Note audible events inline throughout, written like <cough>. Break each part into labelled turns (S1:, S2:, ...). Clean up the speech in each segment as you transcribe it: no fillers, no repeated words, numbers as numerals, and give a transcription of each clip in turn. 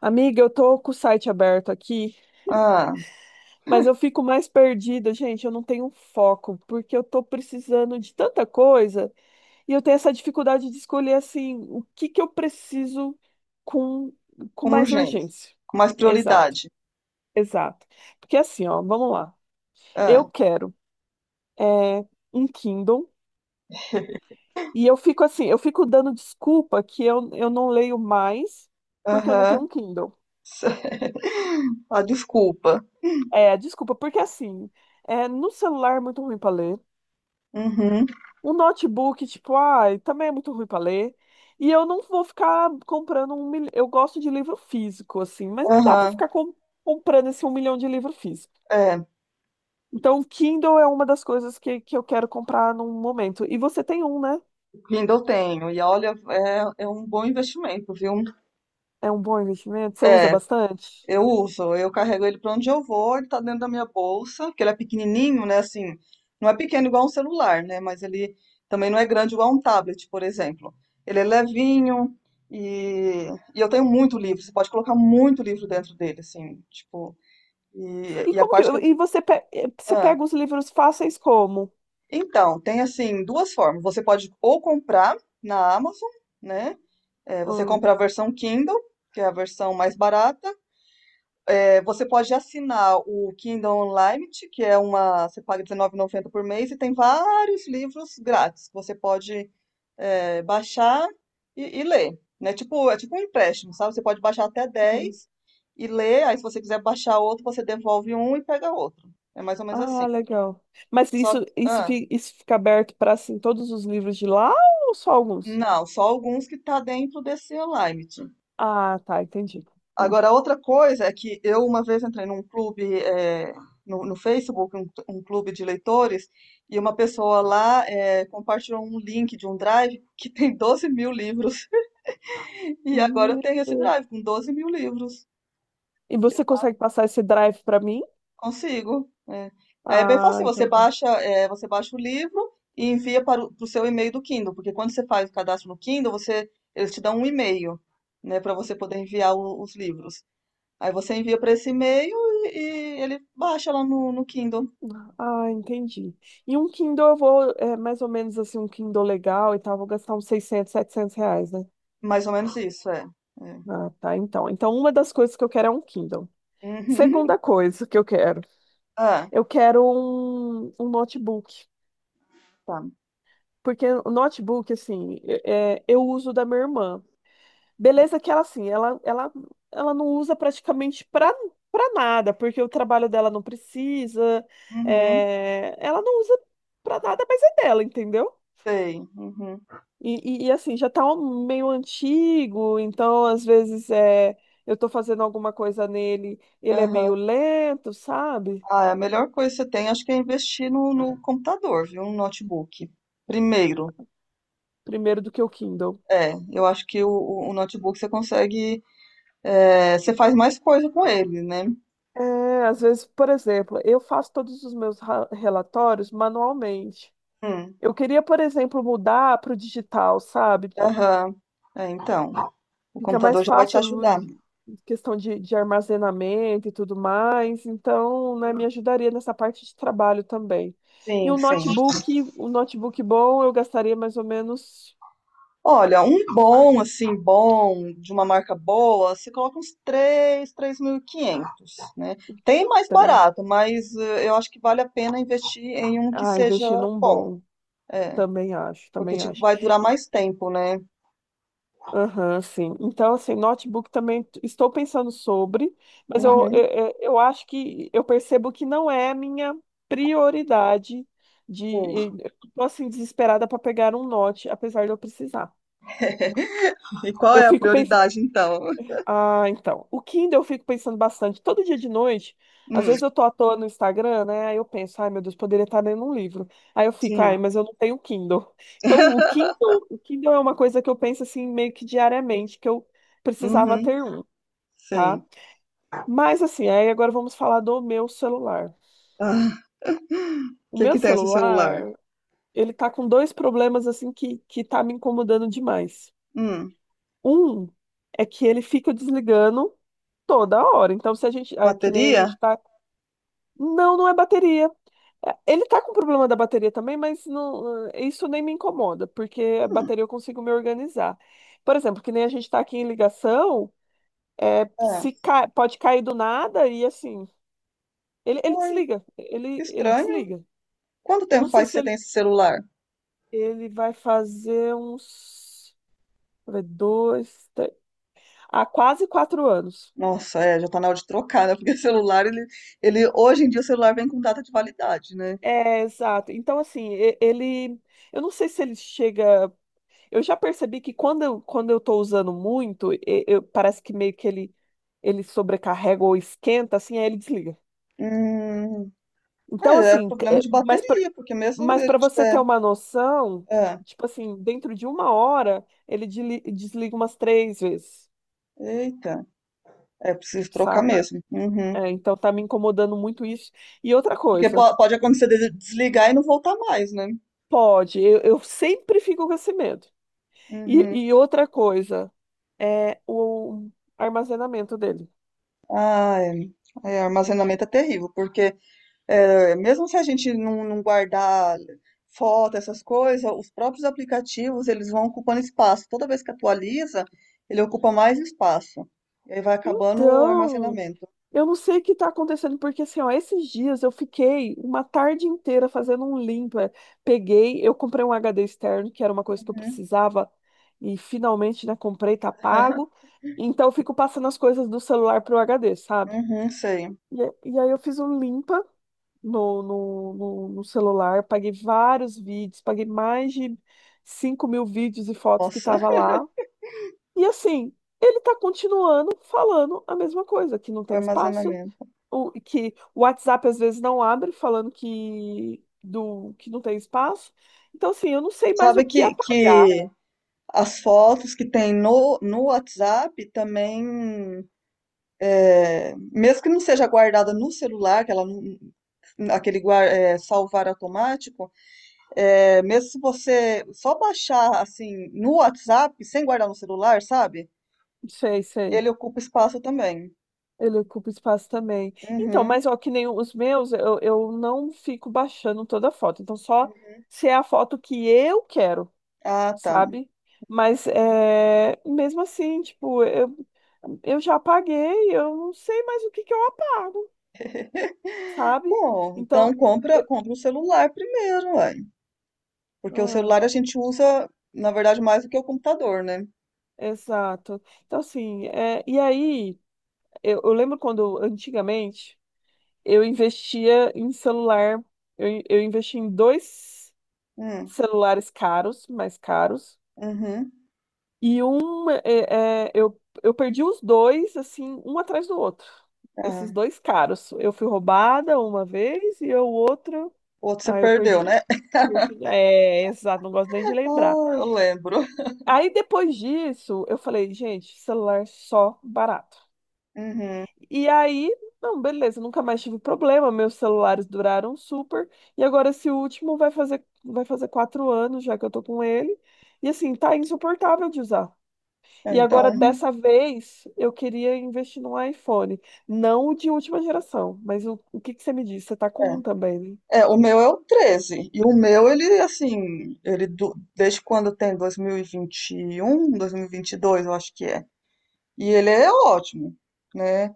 S1: Amiga, eu tô com o site aberto aqui,
S2: Ah,
S1: mas eu fico mais perdida, gente. Eu não tenho foco, porque eu tô precisando de tanta coisa e eu tenho essa dificuldade de escolher assim o que que eu preciso com, com
S2: com
S1: mais
S2: urgência,
S1: urgência.
S2: com mais
S1: Exato,
S2: prioridade.
S1: exato. Porque assim, ó, vamos lá.
S2: Ah,
S1: Eu quero é, um Kindle e eu fico assim, eu fico dando desculpa que eu não leio mais porque eu não tenho
S2: aham.
S1: um Kindle.
S2: <laughs> A desculpa.
S1: É, desculpa, porque assim, no celular é muito ruim para ler.
S2: Uhum,
S1: Um notebook, tipo, ai, também é muito ruim para ler. E eu não vou ficar comprando um milhão. Eu gosto de livro físico, assim, mas não dá para
S2: aham,
S1: ficar comprando esse um milhão de livro físico.
S2: é,
S1: Então, o Kindle é uma das coisas que eu quero comprar num momento. E você tem um, né?
S2: ainda eu tenho. E olha, é um bom investimento, viu?
S1: É um bom investimento? Você usa
S2: É,
S1: bastante?
S2: eu uso, eu carrego ele para onde eu vou, ele tá dentro da minha bolsa, que ele é pequenininho, né? Assim, não é pequeno igual um celular, né? Mas ele também não é grande igual um tablet, por exemplo. Ele é levinho e, e eu tenho muito livro, você pode colocar muito livro dentro dele, assim, tipo.
S1: E
S2: E a
S1: como que,
S2: parte que eu.
S1: e você, você
S2: Ah,
S1: pega os livros fáceis como?
S2: então, tem assim duas formas. Você pode ou comprar na Amazon, né? É, você compra a versão Kindle, que é a versão mais barata. É, você pode assinar o Kindle Unlimited, que é uma. Você paga R$19,90 por mês e tem vários livros grátis que você pode baixar e ler. Né? Tipo, é tipo um empréstimo, sabe? Você pode baixar até
S1: Hum.
S2: 10 e ler. Aí, se você quiser baixar outro, você devolve um e pega outro. É mais ou menos assim.
S1: Ah, legal. Mas
S2: Só, ah,
S1: isso fica aberto para assim, todos os livros de lá ou só alguns?
S2: Não, só alguns que tá dentro desse Unlimited.
S1: Ah, tá, entendi. Entendi.
S2: Agora, outra coisa é que eu uma vez entrei num clube no, no Facebook, um clube de leitores, e uma pessoa lá compartilhou um link de um drive que tem 12 mil livros. <laughs> E agora eu
S1: Hum.
S2: tenho esse drive com 12 mil livros.
S1: E você consegue passar esse drive para mim?
S2: Consigo. É. Aí é bem
S1: Ah,
S2: fácil, você
S1: então tá.
S2: baixa, é, você baixa o livro e envia para o pro seu e-mail do Kindle, porque quando você faz o cadastro no Kindle, você, eles te dão um e-mail, né, para você poder enviar os livros. Aí você envia para esse e-mail e, e ele baixa lá no, no Kindle.
S1: Ah, entendi. E um Kindle eu vou, mais ou menos assim, um Kindle legal e tal, vou gastar uns 600, 700 reais, né?
S2: Mais ou menos isso, é. É.
S1: Ah, tá, então. Então, uma das coisas que eu quero é um Kindle.
S2: <laughs> Uhum.
S1: Segunda coisa que
S2: Ah,
S1: eu quero um notebook.
S2: tá.
S1: Porque o notebook, assim, eu uso da minha irmã. Beleza que ela, assim, ela não usa praticamente pra nada, porque o trabalho dela não precisa,
S2: Uhum.
S1: ela não usa pra nada, mas é dela, entendeu?
S2: Sei. Uhum.
S1: Assim, já tá um meio antigo, então às vezes eu tô fazendo alguma coisa nele, ele é meio
S2: Aham.
S1: lento, sabe?
S2: Ah, é a melhor coisa que você tem, acho que é investir no, no computador, viu? No notebook. Primeiro.
S1: Primeiro do que o Kindle.
S2: É, eu acho que notebook você consegue. É, você faz mais coisa com ele, né?
S1: É, às vezes, por exemplo, eu faço todos os meus relatórios manualmente.
S2: Hum,
S1: Eu queria, por exemplo, mudar para o digital, sabe?
S2: aham. É, então, o
S1: Fica
S2: computador
S1: mais
S2: já vai te
S1: fácil
S2: ajudar.
S1: questão de armazenamento e tudo mais. Então, né, me ajudaria nessa parte de trabalho também. E
S2: Sim, sim.
S1: um notebook bom, eu gastaria mais ou menos
S2: Olha, um bom, assim, bom, de uma marca boa, você coloca uns 3, quinhentos, né? Tem mais
S1: três.
S2: barato, mas eu acho que vale a pena investir em um que
S1: Ah,
S2: seja
S1: investir num
S2: bom.
S1: bom.
S2: É,
S1: Também acho,
S2: porque,
S1: também
S2: tipo,
S1: acho.
S2: vai durar mais tempo, né?
S1: Aham, sim. Então, assim, notebook também estou pensando sobre, mas eu,
S2: Uhum,
S1: eu, eu eu acho que eu percebo que não é a minha prioridade
S2: sim.
S1: de, estou assim, desesperada para pegar um note, apesar de eu precisar.
S2: E qual
S1: Eu
S2: é a
S1: fico
S2: prioridade, então?
S1: então. O Kindle eu fico pensando bastante. Todo dia de noite, às
S2: Hum,
S1: vezes eu tô à toa no Instagram, né? Aí eu penso, ai meu Deus, poderia estar lendo um livro. Aí eu fico, ai,
S2: sim.
S1: mas eu não tenho Kindle. <laughs> Então, o Kindle é uma coisa que eu penso assim meio que diariamente, que eu precisava
S2: Uhum.
S1: ter um,
S2: Sei.
S1: tá? Mas assim, aí agora vamos falar do meu celular.
S2: Ah, o
S1: O
S2: que
S1: meu
S2: que tem esse celular?
S1: celular, ele tá com dois problemas assim que tá me incomodando demais.
S2: Hum,
S1: Um é que ele fica desligando toda hora. Então, se a gente, é que nem a
S2: bateria?
S1: gente tá. Não, não é bateria. É, ele tá com problema da bateria também, mas não, isso nem me incomoda, porque a
S2: Hum,
S1: bateria eu consigo me organizar. Por exemplo, que nem a gente tá aqui em ligação,
S2: é.
S1: se pode cair do nada e assim, ele
S2: Uai,
S1: desliga,
S2: que
S1: ele
S2: estranho.
S1: desliga.
S2: Quanto
S1: Eu
S2: tempo
S1: não sei
S2: faz que
S1: se
S2: você
S1: ele,
S2: tem esse celular?
S1: ele vai fazer uns, deixa eu ver, dois, três, há quase 4 anos.
S2: Nossa, é, já tá na hora de trocar, né? Porque <laughs> celular, ele, hoje em dia o celular vem com data de validade, né?
S1: É, exato. Então, assim, ele, eu não sei se ele chega. Eu já percebi que quando eu tô usando muito, parece que meio que ele sobrecarrega ou esquenta, assim, aí ele desliga.
S2: Hum,
S1: Então,
S2: é, é
S1: assim,
S2: problema de
S1: mas
S2: bateria, porque mesmo se
S1: mas
S2: ele
S1: para você
S2: tiver,
S1: ter uma noção,
S2: é,
S1: tipo assim, dentro de uma hora, ele desliga umas três vezes,
S2: eita, é preciso trocar
S1: sabe?
S2: mesmo. Uhum.
S1: É, então tá me incomodando muito isso. E outra
S2: Porque
S1: coisa,
S2: pode acontecer de desligar e não voltar mais, né?
S1: pode, eu sempre fico com esse medo. E,
S2: Uhum.
S1: e outra coisa, é o armazenamento dele.
S2: Ah, é, é, armazenamento é terrível, porque é, mesmo se a gente não, não guardar foto, essas coisas, os próprios aplicativos, eles vão ocupando espaço. Toda vez que atualiza, ele ocupa mais espaço. E aí vai acabando o
S1: Então,
S2: armazenamento.
S1: eu não sei o que está acontecendo, porque assim, ó, esses dias eu fiquei uma tarde inteira fazendo um limpa. Peguei, eu comprei um HD externo, que era uma coisa que eu
S2: Uhum,
S1: precisava, e finalmente, né, comprei, tá pago.
S2: <laughs>
S1: Então eu fico passando as coisas do celular pro HD, sabe?
S2: uhum, sei.
S1: E aí eu fiz um limpa no celular, paguei vários vídeos, paguei mais de 5.000 vídeos e fotos que
S2: Nossa,
S1: tava lá. E assim, ele tá continuando falando a mesma coisa, que não
S2: <laughs> o
S1: tem espaço,
S2: armazenamento.
S1: que o WhatsApp às vezes não abre, falando que, do, que não tem espaço. Então, assim, eu não sei mais o
S2: Sabe
S1: que apagar.
S2: que as fotos que tem no, no WhatsApp também, mesmo que não seja guardada no celular, que ela não- aquele salvar automático, é, mesmo se você só baixar assim no WhatsApp, sem guardar no celular, sabe?
S1: Sei, sei.
S2: Ele ocupa espaço também.
S1: Ele ocupa espaço também. Então,
S2: Uhum.
S1: mas ó, que nem os meus, eu não fico baixando toda a foto. Então, só se é a foto que eu quero,
S2: Ah, tá.
S1: sabe? Mas é, mesmo assim, tipo, eu já apaguei, eu não sei mais o que que eu apago, sabe?
S2: Bom, então
S1: Então,
S2: compra, compra o celular primeiro, ué. Porque o
S1: eu-
S2: celular a gente usa, na verdade, mais do que o computador, né?
S1: exato. Então, assim, e aí, eu lembro quando, antigamente, eu investia em celular, eu investi em dois
S2: Hum,
S1: celulares caros, mais caros,
S2: uhum.
S1: e um, eu perdi os dois, assim, um atrás do outro, esses
S2: Ah,
S1: dois caros. Eu fui roubada uma vez e o outro,
S2: o outro você
S1: ah, eu
S2: perdeu, né?
S1: perdi.
S2: <laughs>
S1: Perdi. É, exato, não gosto nem de
S2: Ah,
S1: lembrar.
S2: eu lembro.
S1: Aí, depois disso, eu falei, gente, celular só barato.
S2: Uhum.
S1: E aí, não, beleza, nunca mais tive problema, meus celulares duraram super. E agora esse último vai fazer 4 anos já que eu tô com ele. E assim, tá insuportável de usar.
S2: É.
S1: E agora,
S2: Então,
S1: dessa vez, eu queria investir num iPhone. Não o de última geração, mas o que que você me disse? Você tá com
S2: é.
S1: um também, né?
S2: É, o meu é o treze. E o meu, ele, assim, desde quando tem 2021, 2022, eu acho que é. E ele é ótimo, né?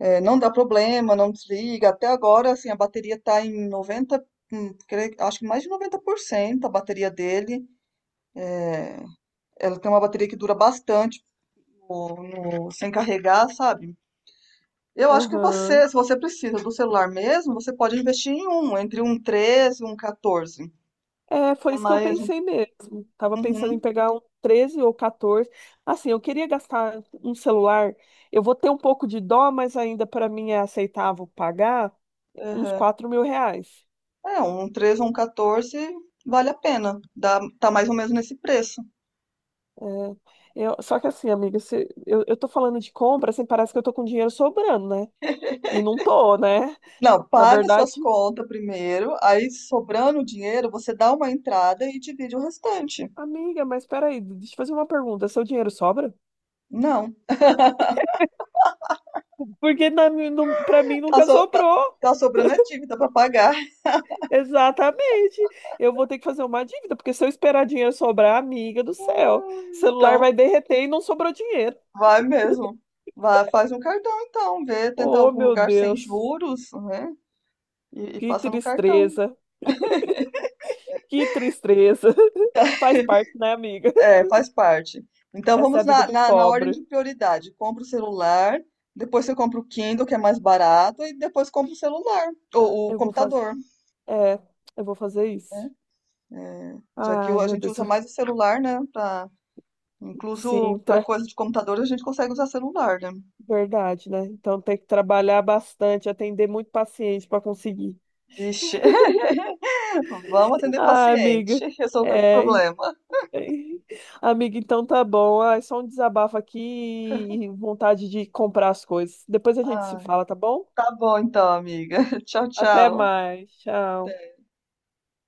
S2: É, não dá problema, não desliga. Até agora, assim, a bateria tá em 90, acho que mais de 90% a bateria dele. Ela tem uma bateria que dura bastante no- sem carregar, sabe? Eu acho que você,
S1: Aham.
S2: se você precisa do celular mesmo, você pode investir em um, entre um 13 e um 14.
S1: É,
S2: Que
S1: foi
S2: é
S1: isso que eu
S2: mais,
S1: pensei mesmo. Tava pensando em
S2: uhum,
S1: pegar um 13 ou 14. Assim, eu queria gastar um celular. Eu vou ter um pouco de dó, mas ainda para mim é aceitável pagar uns
S2: aham.
S1: 4.000 reais.
S2: É, um 13 ou um 14 vale a pena. Dá, tá mais ou menos nesse preço.
S1: É, só que assim, amiga, eu tô falando de compra, assim, parece que eu tô com dinheiro sobrando, né? E não tô, né?
S2: Não,
S1: Na
S2: paga suas
S1: verdade,
S2: contas primeiro, aí sobrando o dinheiro, você dá uma entrada e divide o restante.
S1: amiga, mas peraí, deixa eu fazer uma pergunta. Seu dinheiro sobra?
S2: Não,
S1: Porque na, mim, não, pra mim
S2: tá,
S1: nunca
S2: so- tá-
S1: sobrou.
S2: tá sobrando a dívida para pagar.
S1: Exatamente. Eu vou ter que fazer uma dívida, porque se eu esperar dinheiro sobrar, amiga do céu,
S2: <laughs>
S1: celular
S2: Então,
S1: vai derreter e não sobrou dinheiro.
S2: vai mesmo. Vai, faz um cartão então, vê, tenta
S1: Oh,
S2: algum
S1: meu
S2: lugar sem
S1: Deus,
S2: juros, né? E
S1: que
S2: passa no cartão.
S1: tristeza, que tristeza. <laughs> Faz parte, né, amiga?
S2: É, faz parte.
S1: <laughs>
S2: Então
S1: Essa é
S2: vamos
S1: a vida
S2: na,
S1: do
S2: na, na ordem
S1: pobre.
S2: de prioridade. Compra o celular, depois você compra o Kindle, que é mais barato, e depois compra o celular,
S1: Ah,
S2: ou o computador.
S1: É, eu vou fazer isso.
S2: É, já que
S1: Ai,
S2: a
S1: meu
S2: gente
S1: Deus,
S2: usa mais o celular, né? Pra, incluso para
S1: Sintra,
S2: coisa de computador, a gente consegue usar celular, né?
S1: verdade, né? Então tem que trabalhar bastante, atender muito paciente para conseguir.
S2: Vixe, <laughs> vamos atender
S1: Ai,
S2: paciente,
S1: amiga,
S2: <laughs> resolver
S1: é,
S2: problema.
S1: <laughs> Amiga, então tá bom. Ah, é só um desabafo aqui e vontade de comprar as coisas. Depois a gente se
S2: Ai,
S1: fala, tá bom?
S2: tá bom então, amiga. <laughs> Tchau,
S1: Até
S2: tchau.
S1: mais. Tchau.